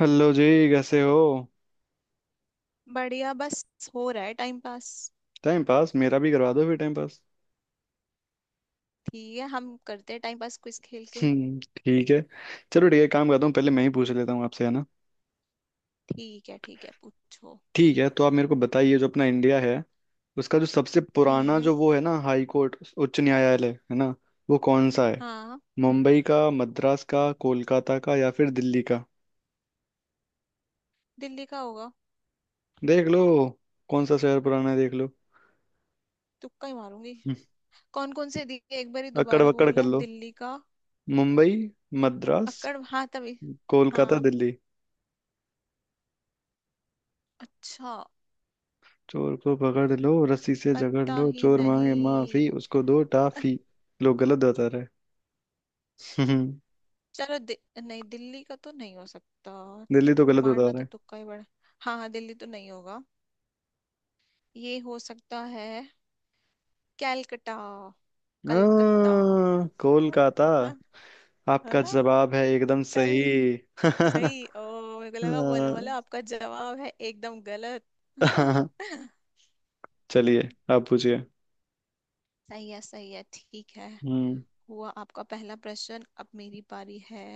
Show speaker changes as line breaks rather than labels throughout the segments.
Hello जी। कैसे हो।
बढ़िया बस। हो रहा है टाइम पास।
टाइम पास मेरा भी करवा दो फिर टाइम पास।
ठीक है, हम करते हैं टाइम पास क्विज खेल के।
हम्म। ठीक है। चलो ठीक है, काम करता हूँ, पहले मैं ही पूछ लेता हूँ आपसे, है ना।
ठीक है ठीक है, पूछो।
ठीक है, तो आप मेरे को बताइए, जो अपना इंडिया है उसका जो सबसे पुराना
हम्म।
जो वो है ना, हाई कोर्ट, उच्च न्यायालय, है ना, वो कौन सा है।
हाँ,
मुंबई का, मद्रास का, कोलकाता का, या फिर दिल्ली का।
दिल्ली का होगा।
देख लो। कौन सा शहर पुराना है, देख लो।
तुक्का ही मारूंगी।
हम्म,
कौन कौन से दिए एक बार ही
अकड़
दोबारा
बकड़ कर
बोलना,
लो।
दिल्ली का?
मुंबई। मद्रास।
अक्कड़, हाँ तभी।
कोलकाता।
हाँ।
दिल्ली।
अच्छा।
चोर को पकड़ लो, रस्सी से जकड़
पता
लो,
ही
चोर मांगे माफी,
नहीं।
उसको दो टाफी। लोग गलत बता रहे हैं।
चलो दि, नहीं, दिल्ली का तो नहीं हो सकता।
दिल्ली तो गलत बता
मारना तो
रहे
तुक्का ही बड़ा। हाँ हाँ, दिल्ली तो नहीं होगा। ये हो सकता है, कैलकटा,
हैं।
कलकत्ता।
कोलकाता।
है। है
आपका
ना?
जवाब है एकदम सही।
कल।
आ,
सही, ओ। मेरे को लगा बोलने वाला आपका जवाब है एकदम गलत।
चलिए,
हम्म,
आप पूछिए।
सही है सही है, ठीक है।
हम्म।
हुआ आपका पहला प्रश्न, अब मेरी पारी है।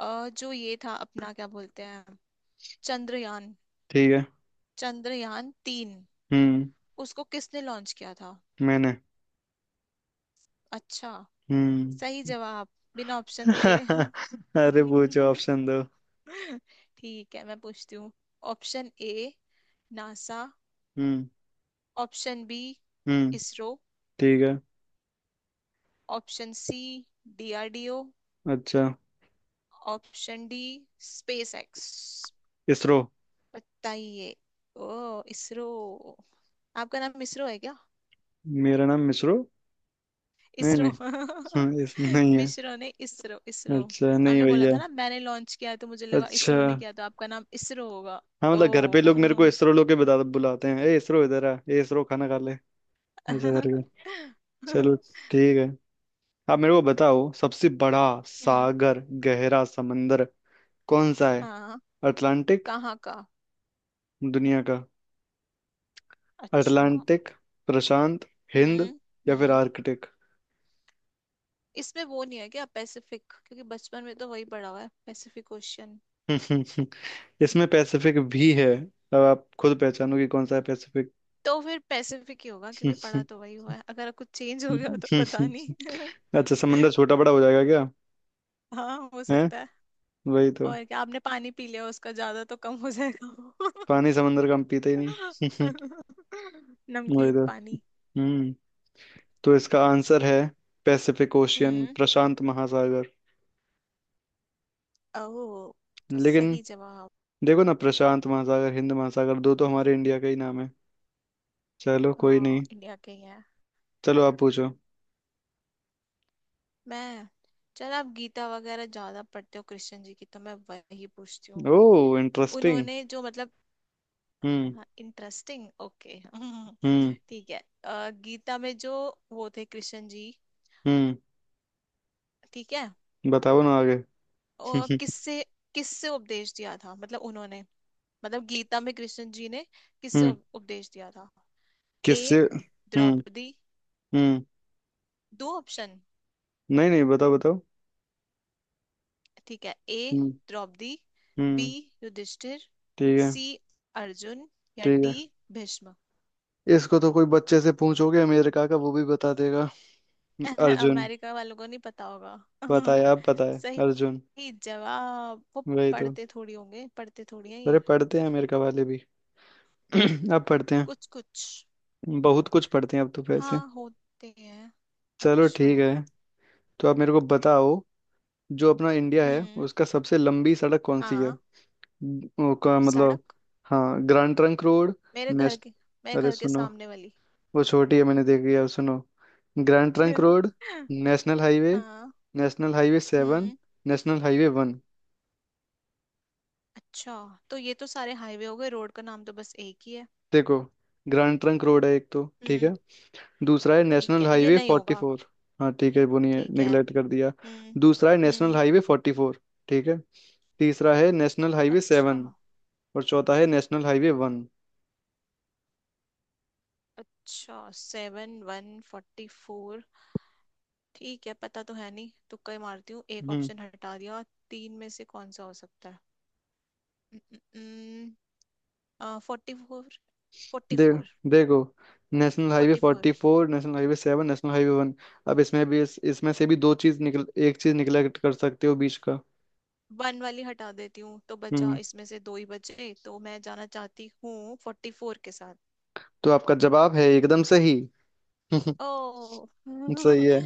जो ये था, अपना क्या बोलते हैं, चंद्रयान,
ठीक है।
चंद्रयान तीन,
हम्म।
उसको किसने लॉन्च किया था?
मैंने।
अच्छा।
हम्म।
सही जवाब, बिना ऑप्शन दिए।
अरे पूछो, ऑप्शन दो।
ठीक है, मैं पूछती हूँ। Option A, NASA.
हम्म।
ऑप्शन बी,
हम्म।
इसरो।
ठीक है।
Option C, DRDO.
अच्छा।
Option D, SpaceX.
इसरो।
बताइए। ओ, इसरो। आपका नाम इसरो है क्या?
मेरा नाम मिसरो। नहीं,
इसरो।
नहीं। इस नहीं है।
मिश्रो ने इसरो इसरो।
अच्छा, नहीं
आपने बोला
भैया।
था ना मैंने लॉन्च किया है, तो मुझे लगा
अच्छा।
इसरो ने किया, तो आपका नाम इसरो होगा।
हाँ, मतलब घर पे
ओ।
लोग मेरे को इसरो लोग के बता बुलाते हैं, ए इसरो इधर आ, ए इसरो खाना खा ले, ऐसा करके।
हम्म।
चलो, ठीक है। आप मेरे को बताओ सबसे बड़ा सागर, गहरा समंदर कौन सा है।
हाँ।
अटलांटिक।
कहाँ का?
दुनिया का।
अच्छा।
अटलांटिक, प्रशांत, हिंद,
हम्म।
या फिर
हम्म।
आर्कटिक।
इसमें वो नहीं है क्या, पैसिफिक? क्योंकि बचपन में तो वही पढ़ा हुआ है, पैसिफिक ओशियन।
इसमें पैसिफिक भी है। अब आप खुद पहचानो कि कौन सा है पैसिफिक।
तो फिर पैसिफिक ही होगा क्योंकि पढ़ा तो वही हुआ है, अगर कुछ चेंज हो गया हो तो पता नहीं।
अच्छा, समंदर छोटा बड़ा हो जाएगा क्या?
हाँ, हो
है,
सकता है।
वही तो।
और क्या, आपने पानी पी लिया उसका ज्यादा, तो कम हो जाएगा।
पानी समंदर का हम पीते ही नहीं। वही
नमकीन
तो।
पानी।
हम्म तो इसका आंसर है पैसिफिक ओशियन,
हम्म।
प्रशांत महासागर।
ओ। तो
लेकिन
सही जवाब।
देखो ना, प्रशांत महासागर, हिंद महासागर, दो तो हमारे इंडिया का ही नाम है। चलो कोई
हाँ,
नहीं।
इंडिया के ही है।
चलो आप पूछो।
मैं, चल आप गीता वगैरह ज्यादा पढ़ते हो कृष्ण जी की, तो मैं वही पूछती हूँ।
ओ, इंटरेस्टिंग।
उन्होंने जो, मतलब,
हम्म।
Interesting, okay.
हम्म।
ठीक है। गीता में जो वो थे कृष्ण जी,
हम्म।
ठीक है,
बताओ ना आगे।
और किससे, किससे उपदेश दिया था, मतलब उन्होंने, मतलब गीता में कृष्ण जी ने किससे
हम्म।
उप- उपदेश दिया था? ए,
किससे? हम्म।
द्रौपदी,
हम्म।
दो ऑप्शन।
नहीं, नहीं, बताओ, बताओ।
ठीक है, ए,
हम्म।
द्रौपदी। बी,
हम्म।
युधिष्ठिर।
ठीक है।
सी, अर्जुन। या
ठीक
डी,
है।
भीष्म।
इसको तो कोई बच्चे से पूछोगे, अमेरिका का वो भी बता देगा। अर्जुन।
अमेरिका वालों को नहीं पता होगा।
बताए आप बताए। अर्जुन।
सही जवाब, वो।
वही तो।
पढ़ते थोड़ी होंगे, पढ़ते थोड़ी हैं
अरे
ये।
पढ़ते हैं अमेरिका वाले भी। अब पढ़ते हैं।
कुछ कुछ।
बहुत कुछ पढ़ते हैं अब तो
हाँ,
वैसे।
होते हैं।
चलो,
अच्छा।
ठीक है। तो आप मेरे को बताओ, जो अपना इंडिया है
हम्म।
उसका सबसे लंबी सड़क कौन सी है।
हाँ।
वो का मतलब।
सड़क?
हाँ, ग्रैंड ट्रंक रोड।
मेरे घर
नेश
के, मेरे
अरे
घर के
सुनो,
सामने वाली।
वो छोटी है, मैंने देखी है, सुनो। Grand Trunk road, national highway,
हाँ।
नेशनल हाईवे सेवन,
हम्म।
National highway one.
अच्छा, तो ये तो सारे हाईवे हो गए, रोड का नाम तो बस एक ही है।
देखो, ग्रैंड ट्रंक रोड है एक, तो ठीक है।
हम्म,
दूसरा है
ठीक
नेशनल
है, ये
हाईवे
नहीं
फोर्टी
होगा।
फोर। हाँ, ठीक है, वो नहीं है,
ठीक है।
निगलेक्ट कर दिया।
हम्म।
दूसरा है नेशनल
हम्म।
Highway forty four. ठीक है। तीसरा है नेशनल हाईवे
अच्छा।
सेवन। और चौथा है नेशनल हाईवे वन।
अच्छा, सेवन वन फोर्टी फोर। ठीक है, पता तो है नहीं, तुक्का ही मारती हूँ, एक
हम्म।
ऑप्शन हटा दिया। तीन में से कौन सा हो सकता है? फोर्टी फोर, फोर्टी
दे देखो, national highway
four.
Forty four, national highway seven, national highway one. अब इसमें भी इसमें से भी दो चीज निकल, एक चीज निगलेक्ट कर सकते हो, बीच का।
वन वाली हटा देती हूँ, तो बचा,
हम्म।
इसमें से दो ही बचे, तो मैं जाना चाहती हूँ फोर्टी फोर के साथ।
तो आपका जवाब है एकदम सही।
ओ।
सही है।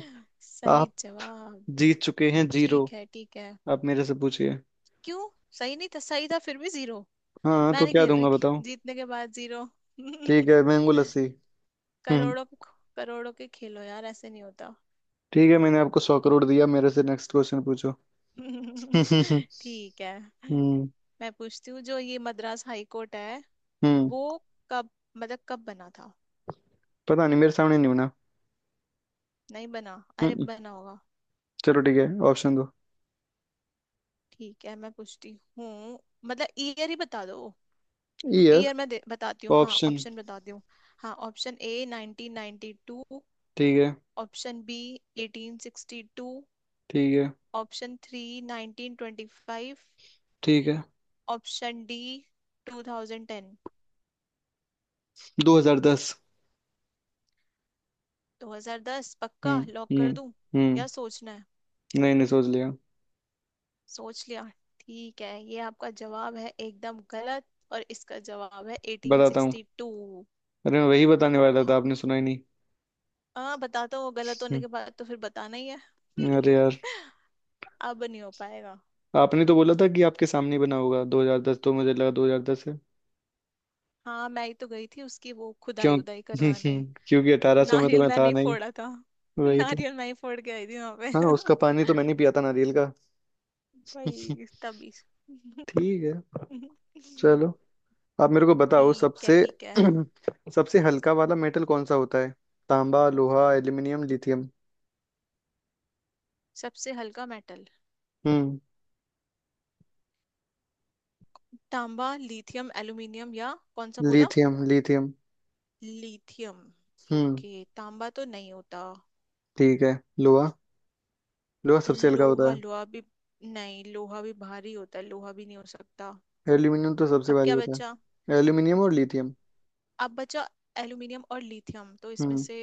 सही
आप
जवाब।
जीत चुके हैं, जीरो।
ठीक है ठीक है।
आप मेरे से पूछिए।
क्यों? सही नहीं था, सही था फिर भी जीरो?
हाँ
मैं
तो
नहीं
क्या
खेल रही,
दूंगा, बताओ।
जीतने के बाद जीरो।
ठीक है, मैंगो लस्सी। हम्म।
करोड़ों के, करोड़ों के खेलो यार, ऐसे नहीं होता।
ठीक है, मैंने आपको 100 करोड़ दिया, मेरे से नेक्स्ट क्वेश्चन पूछो। हम्म।
ठीक है। मैं पूछती हूँ, जो ये मद्रास हाई कोर्ट है
हम्म।
वो कब, मतलब कब बना था?
पता नहीं, मेरे सामने नहीं बना।
नहीं बना? अरे,
हम्म।
बना होगा।
चलो ठीक है, ऑप्शन दो।
ठीक है, मैं पूछती हूँ, मतलब ईयर ही बता दो।
ईयर।
ईयर, मैं बताती हूँ, हाँ,
ऑप्शन।
ऑप्शन बताती हूँ। हाँ, ऑप्शन ए, 1992।
ठीक है।
Option B, 1862।
ठीक है।
Option three, 1925।
ठीक है।
Option D, 2010।
2010।
2010 पक्का
हम्म।
लॉक कर
हम्म।
दूं,
हम्म।
या सोचना है?
नहीं, नहीं, सोच लिया।
सोच लिया? ठीक है, ये आपका जवाब है एकदम गलत, और इसका जवाब है
बताता हूँ।
1862।
अरे मैं वही बताने वाला था, आपने सुना ही नहीं।
हाँ, बता दो, गलत होने के बाद तो फिर बताना ही है।
अरे यार।
अब नहीं हो पाएगा।
आपने तो बोला था कि आपके सामने ही बना होगा 2010, तो मुझे लगा 2010 है।
हाँ, मैं ही तो गई थी उसकी वो खुदाई
क्यों?
उदाई करवाने,
क्योंकि 1800 में तो
नारियल
मैं
मैंने
था
ही
नहीं।
फोड़ा था।
वही तो।
नारियल मैं ही फोड़ के आई थी वहां
हाँ, उसका पानी तो
पे।
मैंने पिया था, नारियल।
भाई, तभी।
ठीक है। चलो। आप मेरे को बताओ
ठीक है
सबसे
ठीक है।
सबसे हल्का वाला मेटल कौन सा होता है। तांबा, लोहा, एल्यूमिनियम, लिथियम।
सबसे हल्का मेटल,
हम्म।
तांबा, लिथियम, एल्यूमिनियम, या कौन सा बोला?
Lithium, lithium.
लिथियम।
हम्म।
ओके, तांबा तो नहीं होता,
ठीक है। लोहा, लोहा सबसे हल्का होता
लोहा, लोहा भी, नहीं, लोहा भी भारी होता है, लोहा भी नहीं हो सकता।
है। एल्यूमिनियम तो सबसे
अब
भारी
क्या
होता
बचा,
है, एल्यूमिनियम और लिथियम।
अब बचा एल्यूमिनियम और लिथियम, तो इसमें
हम्म।
से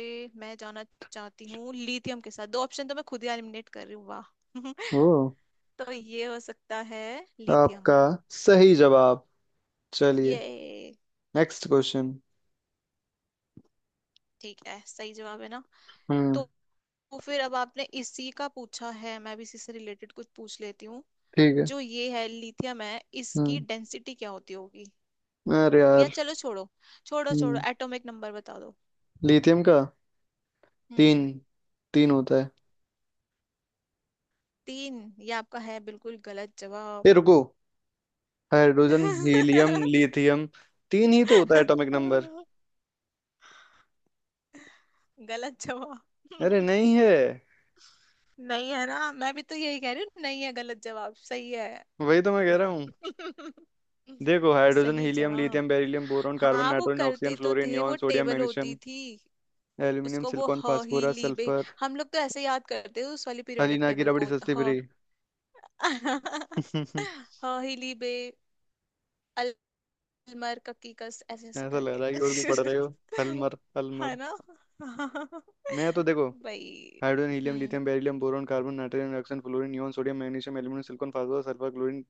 मैं जाना चाहती हूँ लिथियम के साथ, दो ऑप्शन तो मैं खुद ही एलिमिनेट कर रही हूँ, वाह।
ओ,
तो ये हो सकता है
आपका
लिथियम।
सही जवाब। चलिए
ये?
Next question.
ठीक है, सही जवाब है ना?
हम्म।
तो तो फिर अब आपने इसी का पूछा है, मैं भी इसी से रिलेटेड कुछ पूछ लेती हूँ।
ठीक है।
जो ये है लिथियम है, इसकी
हम्म
डेंसिटी क्या होती होगी?
अरे
या
यार।
चलो छोड़ो, छोड़ो छोड़ो,
हम्म।
एटॉमिक नंबर बता दो।
लिथियम का। तीन।
हम्म।
तीन होता है।
तीन? ये आपका है बिल्कुल गलत जवाब।
ए रुको। Hydrogen, helium, lithium. तीन ही तो होता है एटॉमिक नंबर।
गलत
अरे
जवाब।
नहीं है।
नहीं है ना, मैं भी तो यही कह रही हूँ, नहीं है, गलत जवाब सही है।
वही तो मैं कह रहा हूँ। देखो, हाइड्रोजन,
सही
हीलियम,
जवाब।
लिथियम, बेरिलियम, बोरॉन, कार्बन,
हाँ, वो
नाइट्रोजन, ऑक्सीजन,
करते तो
फ्लोरीन,
थे,
नियॉन,
वो
सोडियम,
टेबल होती
मैग्नीशियम,
थी।
एल्यूमिनियम,
उसको वो,
सिलिकॉन,
ह ही ली
फास्फोरस,
बे,
सल्फर।
हम लोग तो ऐसे याद करते हैं उस वाली पीरियोडिक
हलीना की
टेबल
रबड़ी
को।
सस्ती
ह।
फ्री।
ह ही ली बे, अलमर ककी कस, ऐसे ऐसे
ऐसा लग
करके।
रहा है कि उर्दू पढ़ रहे हो। हलमर,
है
हलमर।
ना?
मैं तो देखो,
भाई।
हाइड्रोजन, हीलियम,
हम्म।
Lithium, beryllium, boron, carbon, nitrogen, oxygen, fluorine, neon, sodium, magnesium, aluminium, silicon, phosphorus, sulphur, chlorine,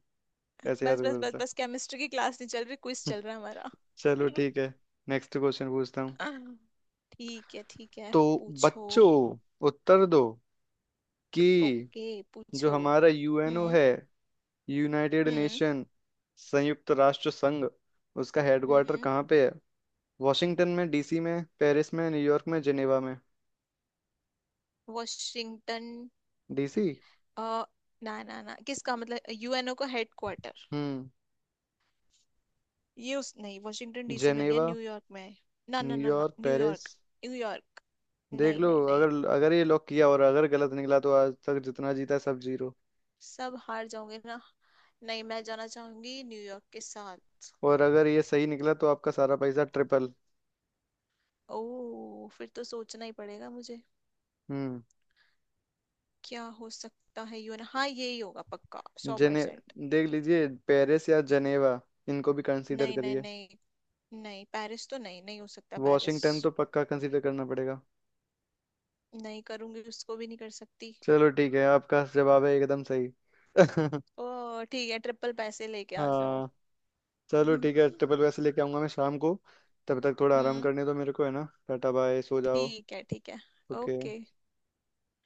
ऐसे याद
बस बस बस
करता
बस, केमिस्ट्री की क्लास नहीं चल रही, क्विज
था।
चल रहा है
चलो,
हमारा।
ठीक है। नेक्स्ट क्वेश्चन पूछता हूँ।
ठीक है ठीक है,
तो
पूछो।
बच्चों, उत्तर दो कि
ओके,
जो
पूछो।
हमारा यूएनओ
हम्म।
है, यूनाइटेड
हम्म।
नेशन, संयुक्त राष्ट्र संघ, उसका हेडक्वार्टर
हम्म।
कहाँ पे है? वॉशिंगटन में, डीसी में, पेरिस में, न्यूयॉर्क में, जेनेवा में।
Washington,
DC.
अ, ना ना ना, किसका, मतलब यूएनओ का हेडक्वार्टर?
हम्म।
ये उस नहीं, वॉशिंगटन डीसी में नहीं है,
जेनेवा।
न्यूयॉर्क में है। ना ना ना ना,
न्यूयॉर्क, पेरिस।
न्यूयॉर्क। न्यूयॉर्क,
देख
नहीं
लो,
नहीं नहीं।
अगर अगर ये लॉक किया और अगर गलत निकला तो आज तक जितना जीता है, सब जीरो।
सब हार जाओगे ना? नहीं, मैं जाना चाहूंगी न्यूयॉर्क के साथ।
और अगर ये सही निकला तो आपका सारा पैसा ट्रिपल।
ओ, फिर तो सोचना ही पड़ेगा मुझे।
हम्म।
क्या हो सकता है, यूएन, हाँ यही होगा पक्का, सौ
जेने
परसेंट
देख लीजिए, पेरिस या जेनेवा, इनको भी कंसीडर
नहीं नहीं
करिए।
नहीं, नहीं पेरिस तो नहीं, नहीं हो सकता पेरिस।
वॉशिंगटन तो पक्का कंसीडर करना पड़ेगा।
नहीं करूंगी, उसको भी नहीं कर सकती।
चलो ठीक है, आपका जवाब है एकदम सही।
ओ ठीक है, ट्रिपल पैसे लेके आ जाओ।
हाँ। चलो ठीक है, ट्रिपल वैसे लेके आऊंगा मैं शाम को। तब तक थोड़ा आराम
हम्म,
करने दो मेरे को, है ना, टाटा बाय, सो जाओ।
ठीक है ठीक है।
ओके।
ओके।